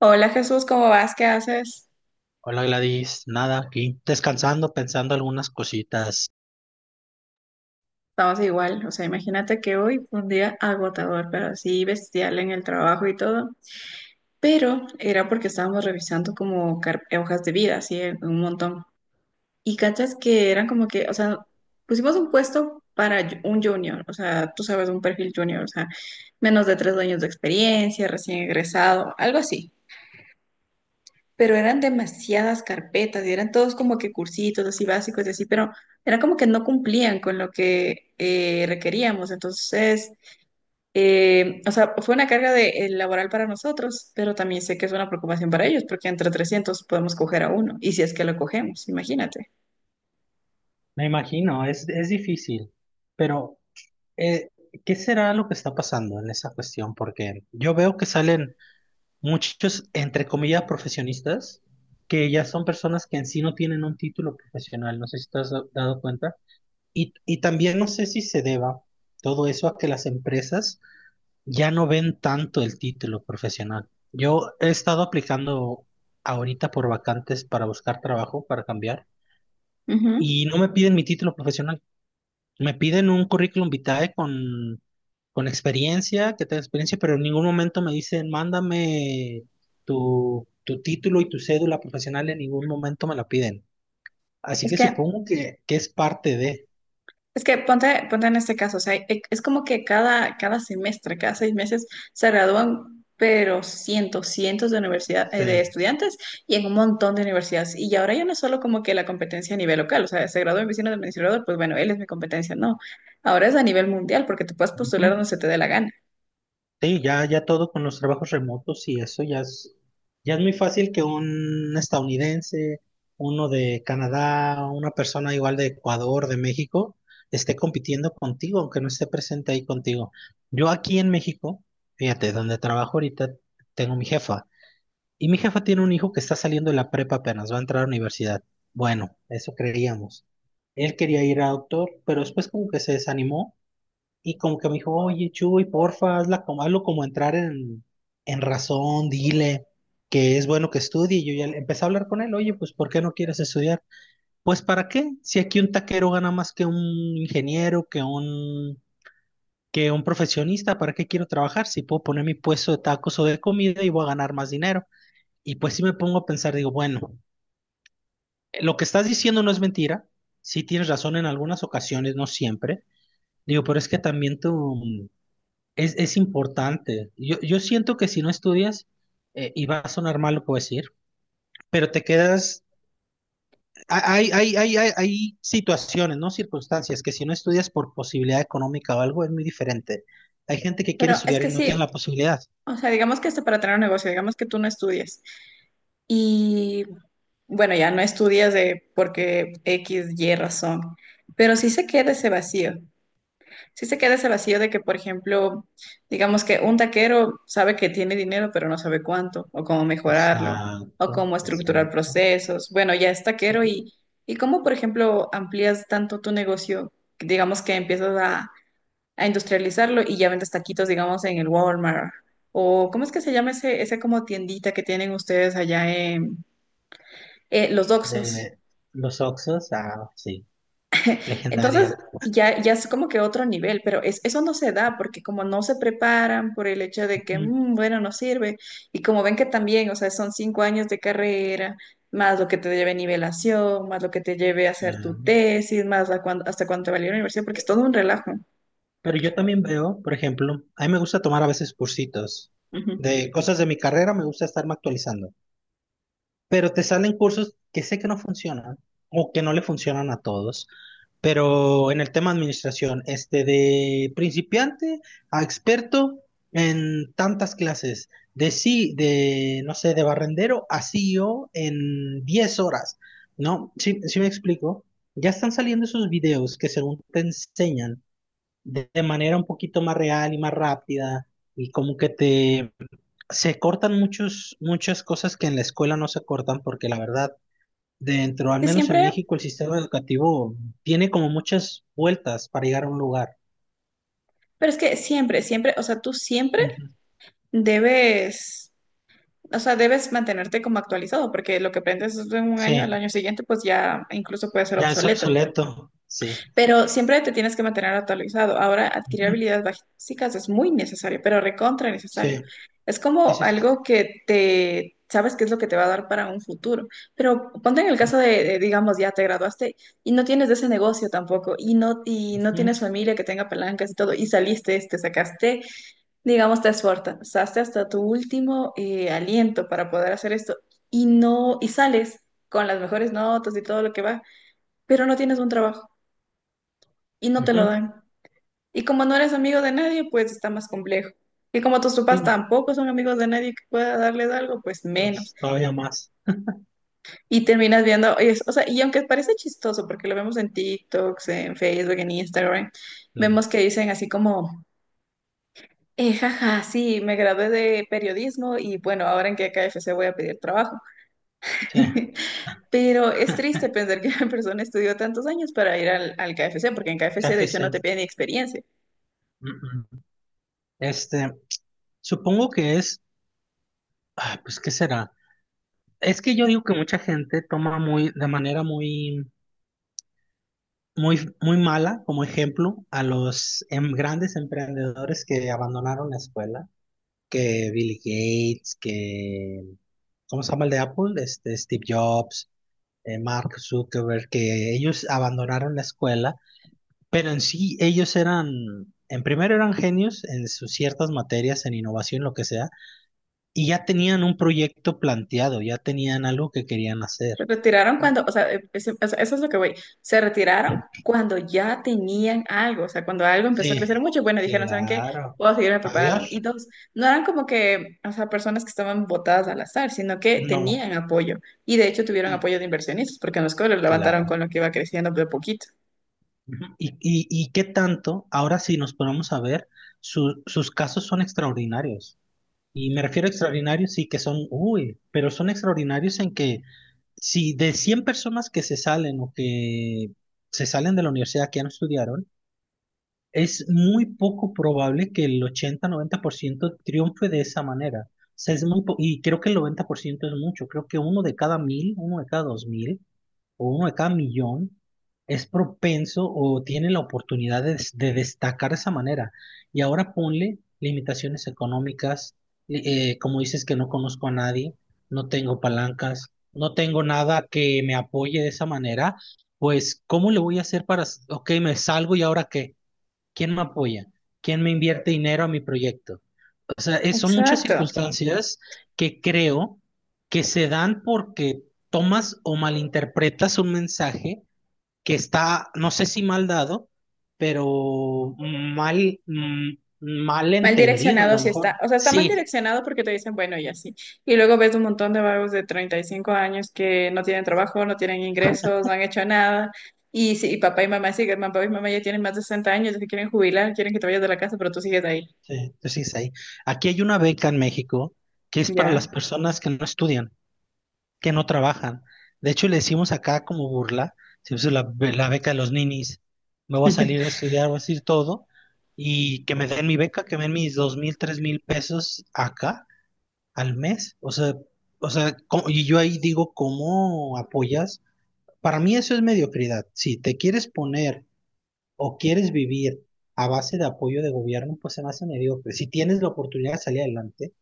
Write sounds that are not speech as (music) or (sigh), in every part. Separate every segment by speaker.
Speaker 1: Hola Jesús, ¿cómo vas? ¿Qué haces?
Speaker 2: Hola Gladys, nada, aquí descansando, pensando algunas cositas.
Speaker 1: Estamos igual, o sea, imagínate que hoy fue un día agotador, pero así bestial en el trabajo y todo. Pero era porque estábamos revisando como hojas de vida, así un montón. Y cachas que eran como que, o sea, pusimos un puesto para un junior, o sea, tú sabes, un perfil junior, o sea, menos de 3 años de experiencia, recién egresado, algo así. Pero eran demasiadas carpetas y eran todos como que cursitos así básicos y así, pero era como que no cumplían con lo que requeríamos. Entonces, o sea, fue una carga de, laboral para nosotros, pero también sé que es una preocupación para ellos porque entre 300 podemos coger a uno y si es que lo cogemos, imagínate.
Speaker 2: Me imagino, es difícil, pero eh, ¿qué será lo que está pasando en esa cuestión? Porque yo veo que salen muchos, entre comillas, profesionistas, que ya son personas que en sí no tienen un título profesional, no sé si te has dado cuenta. Y también no sé si se deba todo eso a que las empresas ya no ven tanto el título profesional. Yo he estado aplicando ahorita por vacantes para buscar trabajo, para cambiar, y
Speaker 1: Ujú.
Speaker 2: no me piden mi título profesional. Me piden un currículum vitae con experiencia, que tenga experiencia, pero en ningún momento me dicen, mándame tu título y tu cédula profesional, en ningún momento me la piden. Así
Speaker 1: Es
Speaker 2: que
Speaker 1: que
Speaker 2: supongo que es parte de.
Speaker 1: Es que ponte en este caso, o sea, es como que cada semestre, cada 6 meses se gradúan, pero cientos, cientos de universidad, de
Speaker 2: Sí.
Speaker 1: estudiantes y en un montón de universidades. Y ahora ya no es solo como que la competencia a nivel local, o sea, se graduó mi vecino de administrador, pues bueno, él es mi competencia, no. Ahora es a nivel mundial porque te puedes postular
Speaker 2: Ujú.
Speaker 1: donde se te dé la gana.
Speaker 2: Sí, ya, ya todo con los trabajos remotos y eso ya es muy fácil que un estadounidense, uno de Canadá, una persona igual de Ecuador, de México, esté compitiendo contigo, aunque no esté presente ahí contigo. Yo aquí en México, fíjate, donde trabajo ahorita, tengo mi jefa. Y mi jefa tiene un hijo que está saliendo de la prepa apenas, va a entrar a la universidad. Bueno, eso creíamos. Él quería ir a doctor, pero después como que se desanimó y como que me dijo, oye, Chuy, porfa, hazla como, hazlo como entrar en razón, dile que es bueno que estudie. Y yo ya empecé a hablar con él, oye, pues, ¿por qué no quieres estudiar? Pues, ¿para qué? Si aquí un taquero gana más que un ingeniero, que un profesionista, ¿para qué quiero trabajar? Si puedo poner mi puesto de tacos o de comida y voy a ganar más dinero. Y pues sí me pongo a pensar, digo, bueno, lo que estás diciendo no es mentira, sí tienes razón en algunas ocasiones, no siempre. Digo, pero es que también tú. Es importante. Yo siento que si no estudias, y va a sonar mal lo que voy a decir, pero te quedas, hay situaciones, ¿no? Circunstancias que si no estudias por posibilidad económica o algo es muy diferente. Hay gente que quiere
Speaker 1: Pero es
Speaker 2: estudiar y
Speaker 1: que
Speaker 2: no
Speaker 1: sí,
Speaker 2: tiene la posibilidad.
Speaker 1: o sea, digamos que hasta para tener un negocio, digamos que tú no estudias y bueno, ya no estudias de porque X, Y razón, pero sí se queda ese vacío. Sí se queda ese vacío de que, por ejemplo, digamos que un taquero sabe que tiene dinero, pero no sabe cuánto, o cómo mejorarlo, o
Speaker 2: Exacto,
Speaker 1: cómo estructurar
Speaker 2: exacto.
Speaker 1: procesos. Bueno, ya es taquero
Speaker 2: Ujú.
Speaker 1: y cómo, por ejemplo, amplías tanto tu negocio, digamos que empiezas a industrializarlo y ya vendes taquitos, digamos, en el Walmart. O, ¿cómo es que se llama ese como tiendita que tienen ustedes allá en los Doxos?
Speaker 2: De los Oxos, ah, sí,
Speaker 1: Entonces,
Speaker 2: legendaria.
Speaker 1: ya es como que otro nivel, pero es, eso no se da porque como no se preparan por el hecho de que,
Speaker 2: Ujú,
Speaker 1: Bueno, no sirve, y como ven que también, o sea, son 5 años de carrera, más lo que te lleve nivelación, más lo que te lleve a
Speaker 2: sí.
Speaker 1: hacer tu tesis, más a hasta cuánto valió la universidad, porque es todo un relajo.
Speaker 2: Pero yo también veo, por ejemplo, a mí me gusta tomar a veces cursitos
Speaker 1: Ujú.
Speaker 2: de cosas de mi carrera, me gusta estarme actualizando. Pero te salen cursos que sé que no funcionan o que no le funcionan a todos, pero en el tema administración, este de principiante a experto en tantas clases, de sí, de no sé, de barrendero a CEO en 10 horas, ¿no? Sí, sí me explico. Ya están saliendo esos videos que según te enseñan de manera un poquito más real y más rápida y como que te se cortan muchos, muchas cosas que en la escuela no se cortan porque la verdad dentro, al
Speaker 1: Que
Speaker 2: menos en
Speaker 1: siempre,
Speaker 2: México, el sistema educativo tiene como muchas vueltas para llegar a un lugar.
Speaker 1: pero es que siempre, siempre, o sea, tú siempre
Speaker 2: Ujú.
Speaker 1: debes, o sea, debes mantenerte como actualizado, porque lo que aprendes en un año, al
Speaker 2: Sí,
Speaker 1: año siguiente, pues ya incluso puede ser
Speaker 2: ya es
Speaker 1: obsoleto.
Speaker 2: obsoleto. Sí.
Speaker 1: Pero siempre te tienes que mantener actualizado. Ahora, adquirir
Speaker 2: Ujú.
Speaker 1: habilidades básicas es muy necesario, pero recontra
Speaker 2: Sí,
Speaker 1: necesario. Es
Speaker 2: sí,
Speaker 1: como
Speaker 2: sí. Sí.
Speaker 1: algo que te sabes qué es lo que te va a dar para un futuro. Pero ponte en el caso de, digamos, ya te graduaste y no tienes de ese negocio tampoco, y no
Speaker 2: Ujú.
Speaker 1: tienes familia que tenga palancas y todo, y saliste, te sacaste, digamos, te esforzaste hasta tu último aliento para poder hacer esto, y no, y sales con las mejores notas y todo lo que va, pero no tienes un trabajo y no te lo
Speaker 2: Ujú.
Speaker 1: dan. Y como no eres amigo de nadie, pues está más complejo. Y como tus
Speaker 2: Sí,
Speaker 1: papás
Speaker 2: no,
Speaker 1: tampoco son amigos de nadie que pueda darles algo, pues menos.
Speaker 2: pues todavía más.
Speaker 1: Y terminas viendo, o sea, y aunque parece chistoso, porque lo vemos en TikToks, en Facebook, en Instagram,
Speaker 2: Claro.
Speaker 1: vemos que dicen así como, jaja, sí, me gradué de periodismo y bueno, ahora en qué KFC voy a pedir trabajo.
Speaker 2: Sí.
Speaker 1: (laughs) Pero es triste
Speaker 2: (laughs)
Speaker 1: pensar que (laughs) una persona estudió tantos años para ir al KFC, porque en KFC de hecho no
Speaker 2: KFC.
Speaker 1: te piden ni experiencia.
Speaker 2: Mm, mm. Este, supongo que es, ah, pues, ¿qué será? Es que yo digo que mucha gente toma muy, de manera muy, muy, muy mala como ejemplo a los grandes emprendedores que abandonaron la escuela, que Bill Gates, que, ¿cómo se llama el de Apple? Este, Steve Jobs, Mark Zuckerberg, que ellos abandonaron la escuela, pero en sí ellos eran, en primero eran genios en sus ciertas materias, en innovación, lo que sea, y ya tenían un proyecto planteado, ya tenían algo que querían hacer.
Speaker 1: Se retiraron
Speaker 2: Mm,
Speaker 1: cuando, o sea, eso es lo que voy. Se retiraron cuando ya tenían algo, o sea, cuando algo empezó a crecer
Speaker 2: sí,
Speaker 1: mucho, bueno, dijeron, ¿saben qué?
Speaker 2: claro.
Speaker 1: Puedo seguirme preparando. Y
Speaker 2: Adiós.
Speaker 1: dos, no eran como que, o sea, personas que estaban botadas al azar, sino que
Speaker 2: No,
Speaker 1: tenían apoyo. Y de hecho tuvieron
Speaker 2: sí,
Speaker 1: apoyo de inversionistas, porque en los colegios levantaron
Speaker 2: claro.
Speaker 1: con lo que iba creciendo de a poquito.
Speaker 2: Ujú. ¿Y qué tanto, ahora sí nos ponemos a ver, sus casos son extraordinarios? Y me refiero a extraordinarios, sí que son, uy, pero son extraordinarios en que si de 100 personas que se salen o que se salen de la universidad que ya no estudiaron, es muy poco probable que el 80-90% triunfe de esa manera. O sea, es muy y creo que el 90% es mucho, creo que uno de cada mil, uno de cada dos mil o uno de cada millón es propenso o tiene la oportunidad de, de destacar de esa manera. Y ahora ponle limitaciones económicas, li- como dices, que no conozco a nadie, no tengo palancas, no tengo nada que me apoye de esa manera, pues ¿cómo le voy a hacer para, ok, me salgo y ahora qué? ¿Quién me apoya? ¿Quién me invierte dinero a mi proyecto? O sea, son muchas
Speaker 1: Exacto.
Speaker 2: circunstancias que creo que se dan porque tomas o malinterpretas un mensaje que está, no sé si mal dado, pero mal, mal
Speaker 1: Mal
Speaker 2: entendido a
Speaker 1: direccionado
Speaker 2: lo
Speaker 1: sí está,
Speaker 2: mejor.
Speaker 1: o sea, está mal
Speaker 2: Sí,
Speaker 1: direccionado porque te dicen, bueno, y así. Y luego ves un montón de vagos de 35 años que no tienen trabajo, no tienen ingresos, no han hecho nada. Y, sí, y papá y mamá siguen, papá y mamá ya tienen más de 60 años, ya se quieren jubilar, quieren que te vayas de la casa, pero tú sigues ahí.
Speaker 2: sí, sí, sí. Es ahí. Aquí hay una beca en México que es para
Speaker 1: Ya.
Speaker 2: las personas que no estudian, que no trabajan. De hecho, le decimos acá como burla, si es la beca de los ninis, me voy a salir
Speaker 1: (laughs)
Speaker 2: de estudiar, voy a decir todo, y que me den mi beca, que me den mis 2,000, 3,000 pesos acá al mes. O sea, y yo ahí digo, ¿cómo apoyas? Para mí eso es mediocridad. Si te quieres poner o quieres vivir a base de apoyo de gobierno, pues se me hace mediocre. Si tienes la oportunidad de salir adelante,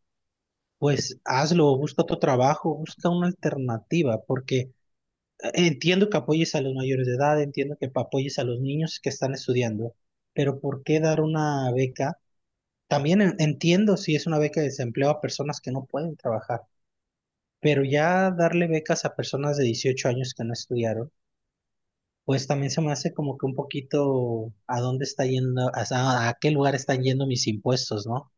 Speaker 2: pues hazlo, busca otro trabajo, busca una alternativa, porque entiendo que apoyes a los mayores de edad, entiendo que apoyes a los niños que están estudiando, pero ¿por qué dar una beca? También entiendo si es una beca de desempleo a personas que no pueden trabajar, pero ya darle becas a personas de 18 años que no estudiaron, pues también se me hace como que un poquito a dónde está yendo, a qué lugar están yendo mis impuestos, ¿no?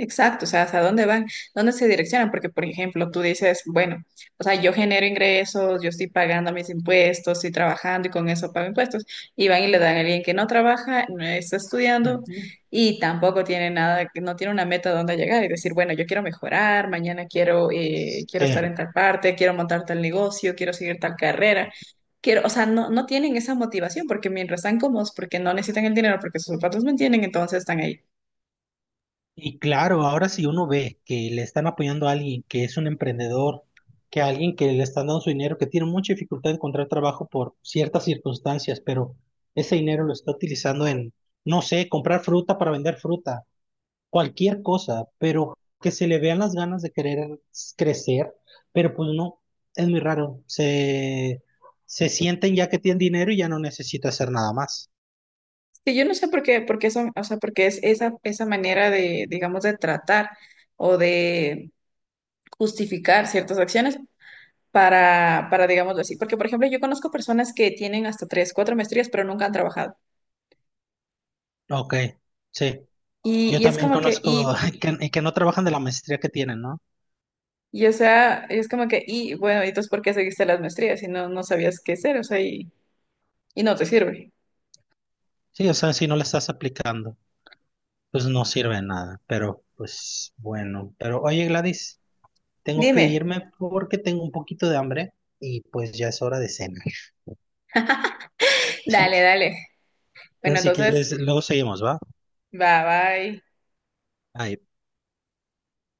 Speaker 1: Exacto, o sea, ¿hasta dónde van? ¿Dónde se direccionan? Porque, por ejemplo, tú dices, bueno, o sea, yo genero ingresos, yo estoy pagando mis impuestos, estoy trabajando y con eso pago impuestos. Y van y le dan a alguien que no trabaja, no está estudiando
Speaker 2: Ujú.
Speaker 1: y tampoco tiene nada, no tiene una meta donde llegar y decir, bueno, yo quiero mejorar, mañana quiero, quiero estar en
Speaker 2: Sí.
Speaker 1: tal parte, quiero montar tal negocio, quiero seguir tal carrera. Quiero, o sea, no tienen esa motivación porque mientras están cómodos, porque no necesitan el dinero, porque sus zapatos mantienen, entonces están ahí.
Speaker 2: Y claro, ahora si uno ve que le están apoyando a alguien que es un emprendedor, que a alguien que le están dando su dinero, que tiene mucha dificultad de encontrar trabajo por ciertas circunstancias, pero ese dinero lo está utilizando en, no sé, comprar fruta para vender fruta, cualquier cosa, pero que se le vean las ganas de querer crecer, pero pues no, es muy raro. Se sienten ya que tienen dinero y ya no necesita hacer nada más.
Speaker 1: Sí, yo no sé por qué, porque eso, o sea, porque es esa manera de, digamos, de tratar o de justificar ciertas acciones para, digámoslo así. Porque, por ejemplo, yo conozco personas que tienen hasta tres, cuatro maestrías, pero nunca han trabajado.
Speaker 2: Ok, sí.
Speaker 1: Y,
Speaker 2: Yo
Speaker 1: y es
Speaker 2: también
Speaker 1: como que,
Speaker 2: conozco
Speaker 1: y,
Speaker 2: (laughs) que, y que no trabajan de la maestría que tienen, ¿no?
Speaker 1: y o sea, es como que, y bueno, ¿y entonces por qué seguiste las maestrías si no sabías qué hacer? O sea, y no te sirve.
Speaker 2: Sí, o sea, si no la estás aplicando, pues no sirve de nada, pero pues bueno. Pero oye, Gladys, tengo que
Speaker 1: Dime.
Speaker 2: irme porque tengo un poquito de hambre y pues ya es hora de cenar.
Speaker 1: Dale, dale. Bueno,
Speaker 2: Entonces, si
Speaker 1: entonces,
Speaker 2: quieres, luego seguimos, ¿va?
Speaker 1: bye bye.
Speaker 2: Bye.